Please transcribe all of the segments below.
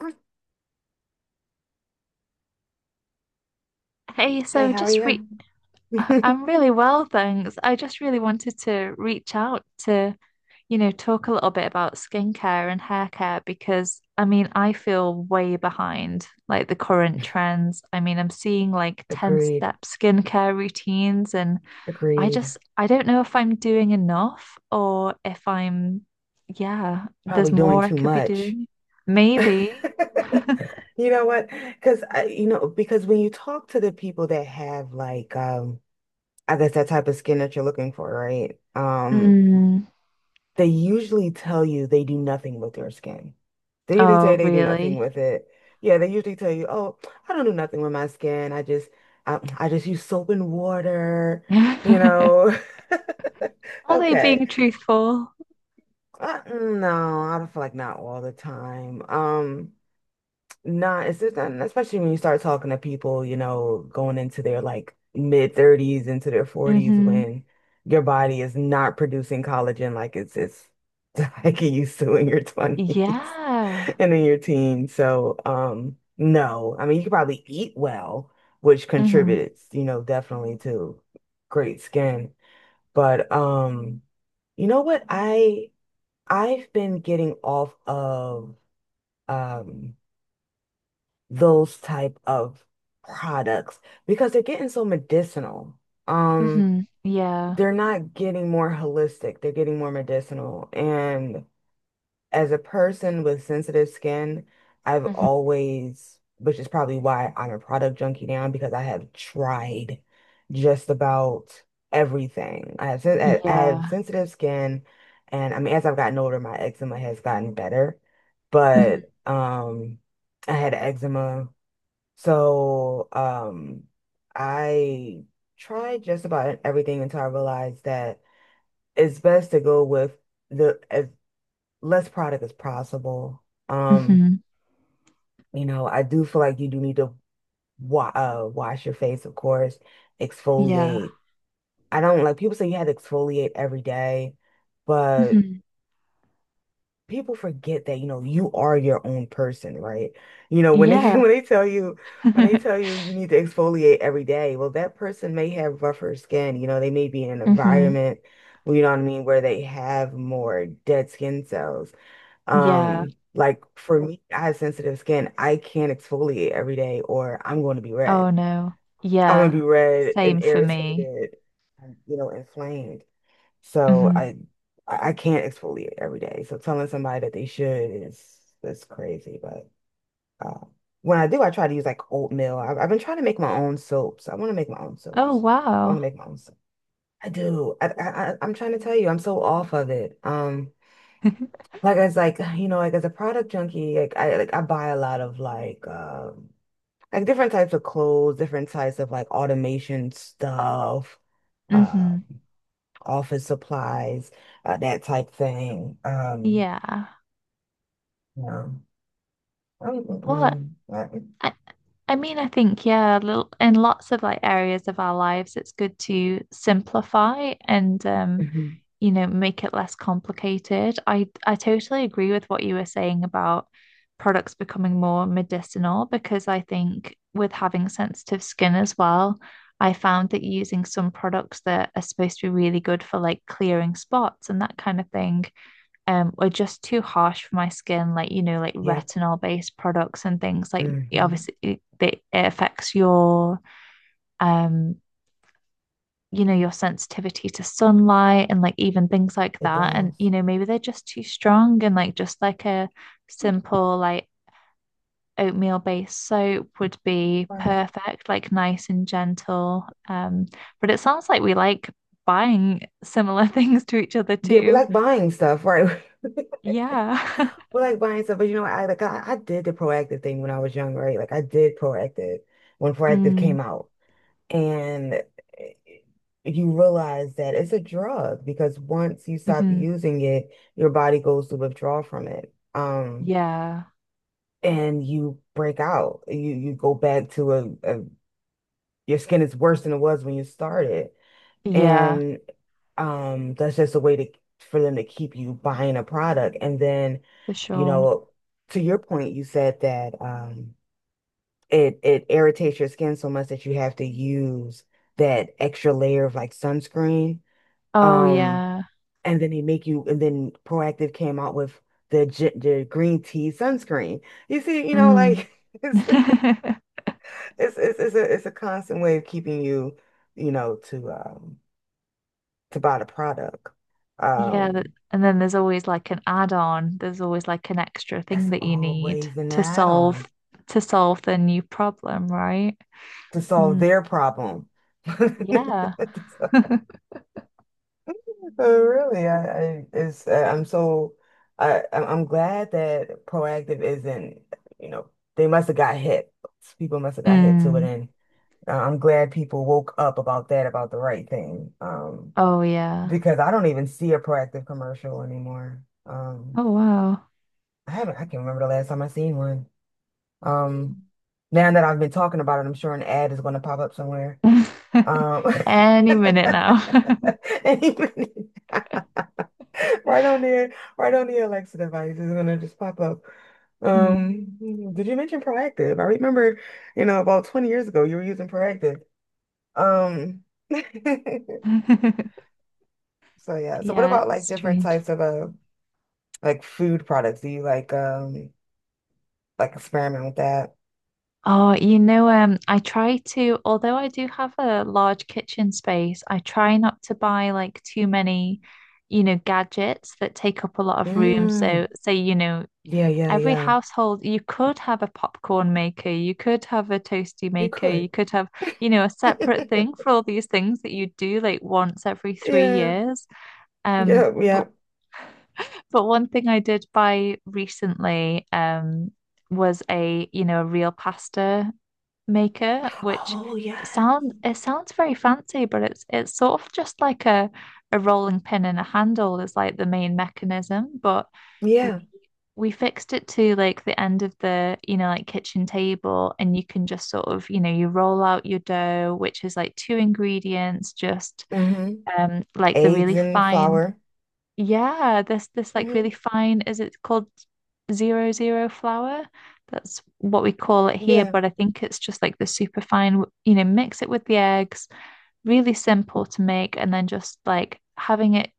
Hey, Hey, so how are just re you? I'm really well, thanks. I just really wanted to reach out to, you know, talk a little bit about skincare and hair care because I mean, I feel way behind like the current trends. I mean, I'm seeing like Agreed. 10-step skincare routines and I Agreed. just I don't know if I'm doing enough or if I'm yeah, Probably there's doing more I too could be much. doing. Maybe. You know what? Because when you talk to the people that have I guess that type of skin that you're looking for, right? Mm. They usually tell you they do nothing with their skin. They usually say Oh, they do nothing really? with it. Yeah, they usually tell you, oh, I don't do nothing with my skin. I just, I just use soap and water, you know. Are they Okay. being truthful? No, I don't feel like not all the time. Not it's just not, especially when you start talking to people, you know, going into their like mid thirties into their forties Mm-hmm. when your body is not producing collagen like it's like it used to in your twenties Yeah. and in your teens. So, no, I mean you could probably eat well, which Mm-hmm. contributes, you know, definitely to great skin. But you know what I. I've been getting off of um those type of products because they're getting so medicinal. Um, Mm-hmm. Yeah. they're not getting more holistic, they're getting more medicinal. And as a person with sensitive skin, I've Mm-hmm. always, which is probably why I'm a product junkie now, because I have tried just about everything. I have, I Yeah. have sensitive skin, and I mean, as I've gotten older, my eczema has gotten better, Mm-hmm. but I had eczema, so I tried just about everything until I realized that it's best to go with the if less product as possible. Um, Mm-hmm. you know, I do feel like you do need to wa wash your face, of course, Yeah. exfoliate. I don't like people say you had to exfoliate every day, but Mm-hmm. people forget that, you know, you are your own person, right? You know, when they Yeah. when they tell you when they tell you you need to exfoliate every day, well, that person may have rougher skin. You know, they may be in an Mm-hmm. environment, you know what I mean, where they have more dead skin cells. Yeah. Like for me, I have sensitive skin. I can't exfoliate every day or I'm going to be red. Oh no. I'm going to Yeah. be red and Same for me. irritated, and, you know, inflamed. So Mm-hmm. I I can't exfoliate every day. So telling somebody that they should is that's crazy. But uh, when I do, I try to use like oatmeal. I've been trying to make my own soaps. I want to make my own Oh soaps. I want to wow. make my own soap. I do. I m trying to tell you, I'm so off of it. Like you know, like as a product junkie, I buy a lot of like different types of clothes, different types of like automation stuff, Mm-hmm. um, office supplies, that type thing. Yeah. You know. Um, mm, What? mm, I mean, I think, yeah, little, in lots of like areas of our lives, it's good to simplify and mhm. you know, make it less complicated. I totally agree with what you were saying about products becoming more medicinal because I think with having sensitive skin as well, I found that using some products that are supposed to be really good for like clearing spots and that kind of thing were just too harsh for my skin, like, you know, like Yep. retinol based products and things like hmm obviously it affects your um you know, your sensitivity to sunlight and like even things like It that. And does. you know, maybe they're just too strong and like just like a simple like oatmeal based soap would be Right. perfect, like nice and gentle. But it sounds like we like buying similar things to each other Yeah, we too, like buying stuff, right? yeah. We like buying stuff, but you know, I did the proactive thing when I was young, right? Like I did proactive when proactive mm, came out. And eh, you realize that it's a drug because once you stop mhm. using it, your body goes to withdraw from it. Yeah. And you break out. You go back to a your skin is worse than it was when you started. Yeah, And that's just a way to for them to keep you buying a product. And then, for you sure. know, to your point, you said that it irritates your skin so much that you have to use that extra layer of like sunscreen. Oh Um, yeah. and then they make you, and then Proactive came out with the green tea sunscreen. You see, you know, Mm. like it's a constant way of keeping you, you know, to buy the product. Yeah, that, Um, and then there's always like an add-on. There's always like an extra thing that's that you need always an add-on to solve the new problem, right? to solve Mm. their problem. Yeah. So oh, really? I it's I'm so I I'm glad that proactive isn't, you know, they must have got hit. People must have got hit to it, Mm. and I'm glad people woke up about that, about the right thing. Oh yeah. Because I don't even see a proactive commercial anymore. Oh I haven't. I can't remember the last time I seen one. Um, Now that I've been talking about it, I'm sure an ad is going to pop up somewhere. wow. Um, Any minute now. and even- Right on there, right on the Alexa device is gonna just pop up. Mm. Um, did you mention proactive? I remember, you know, about 20 years ago you were using proactive. Um, so yeah. So what Yeah, about it's like different strange. types of like food products? Do you like experiment with that? Oh, I try to, although I do have a large kitchen space, I try not to buy like too many, you know, gadgets that take up a lot of room. Mm, So, say, you know, yeah, yeah, every yeah. household, you could have a popcorn maker, you could have a toasty You maker, you could. could have, you know, a separate thing for all these things that you do like once every three Yeah, years. Um, yeah, yeah. but but one thing I did buy recently, was a, you know, a real pasta maker, which Oh yeah. sound it sounds very fancy, but it's sort of just like a rolling pin and a handle is like the main mechanism, but w- Yeah. we fixed it to like the end of the, you know, like kitchen table, and you can just sort of, you know, you roll out your dough, which is like two ingredients, just Mm-hmm. Like the Eggs really and fine flour. yeah, this like really Mm-hmm. fine, is it called zero zero flour? That's what we call it here, Yeah. but I think it's just like the super fine, you know, mix it with the eggs, really simple to make, and then just like having it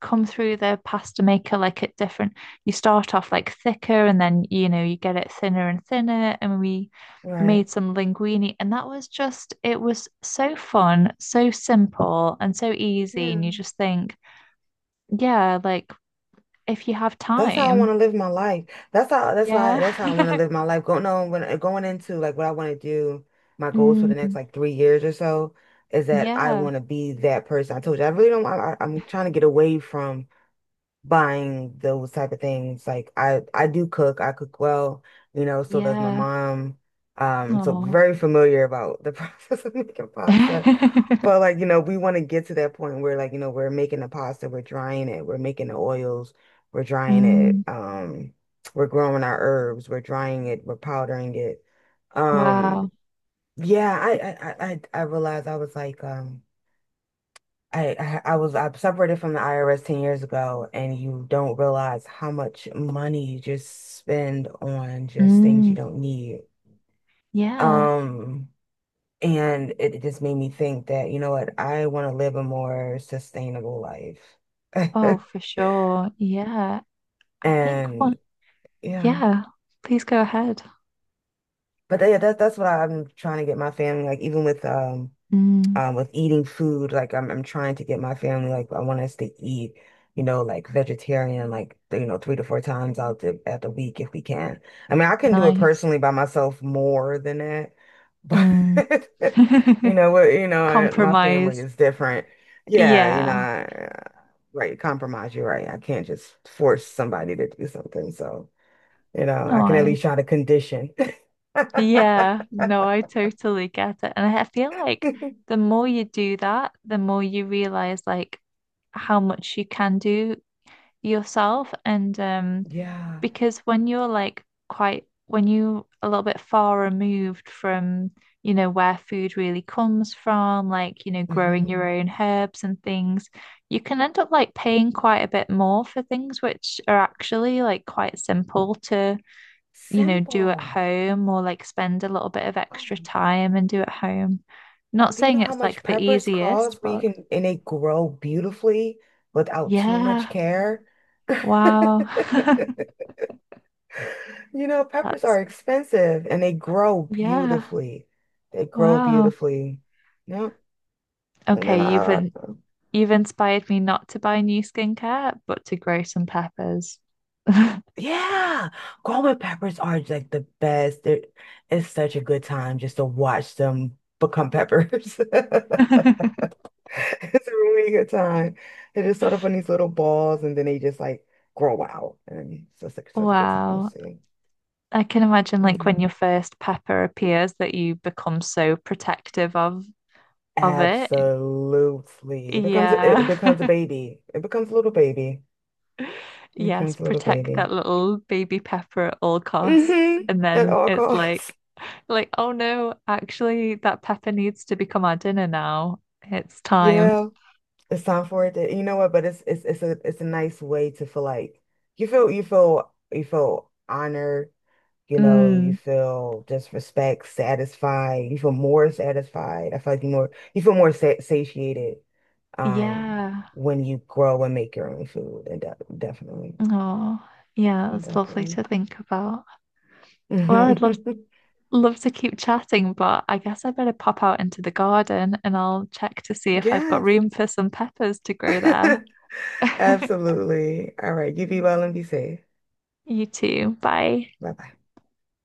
come through the pasta maker like at different, you start off like thicker and then, you know, you get it thinner and thinner, and we Right. made some linguine, and that was just, it was so fun, so simple and so easy, and you Yeah. just think, yeah, like if you have That's how I want time. to live my life. That's how Yeah. that's how I want to live my life. Going no. when Going into like what I want to do, my goals for the next Mm, like 3 years or so is that I yeah. want to be that person. I told you I really don't. I'm trying to get away from buying those type of things. Like I do cook. I cook well, you know, so does my Yeah. mom. So Oh. very familiar about the process of making pasta. But like, you know, we want to get to that point where like, you know, we're making the pasta, we're drying it, we're making the oils, we're drying it, Mm, we're growing our herbs, we're drying it, we're powdering it. wow. Um, yeah, I I realized I was like, I I was I separated from the IRS 10 years ago, and you don't realize how much money you just spend on just things you Mm, don't need. yeah. Um, and it just made me think that, you know what, I want to live a more sustainable life. Oh, for sure. Yeah. I think And one. yeah, Yeah. Please go ahead. but yeah, that's what I'm trying to get my family like even Mm, with eating food. Like I'm trying to get my family like I want us to eat, you know, like vegetarian, like you know, three to four times out the at the week if we can. I mean, I can do it nice. personally by myself more than that, but Mm. you know what, you know, my family Compromise. is different. Yeah, you know, Yeah. Right, compromise, you're right. I can't just force somebody to do something. So, you know, I can at No. least try to condition. Yeah, no, I totally get it. And I feel like the more you do that, the more you realize like how much you can do yourself. And Yeah. because when you're like quite, when you a little bit far removed from, you know, where food really comes from, like, you know, growing your hmm own herbs and things, you can end up like paying quite a bit more for things which are actually like quite simple, you know, do at Simple. home or like spend a little bit of Do extra time and do at home. Not you know saying how it's much like the peppers cost easiest, when you but can and they grow beautifully without too much yeah, care? wow. You know, peppers are That's expensive and they grow yeah, beautifully. They grow wow. beautifully. Yep. And then Okay, I, you've inspired me not to buy new skincare, but to grow some peppers. yeah, growing peppers are like the best. They're, it's such a good time just to watch them become peppers. It's a really good time. They just sort off on these little balls and then they just like grow out. And it's just like, such a good time to Wow. see. I can imagine like when Mhm. your first pepper appears that you become so protective of it. Absolutely. It it Yeah. becomes a baby. It becomes a little baby. It Yes, becomes a little protect baby. that little baby pepper at all costs. Mm-hmm. And At then all it's costs. Like, oh no, actually, that pepper needs to become our dinner now. It's time. Yeah. It's time for it to, you know what, but it's a nice way to feel like you feel honored. You know, you Mm, feel just respect, satisfied. You feel more satisfied. I feel like you more you feel more sa satiated um yeah. when you grow and make your own food, and de definitely, Oh, yeah, it's lovely definitely. to think about. Well, I'd love love to keep chatting, but I guess I better pop out into the garden and I'll check to see if I've got Yes, room for some peppers to grow there. absolutely. All right, you be well and be safe. You too. Bye. Bye bye.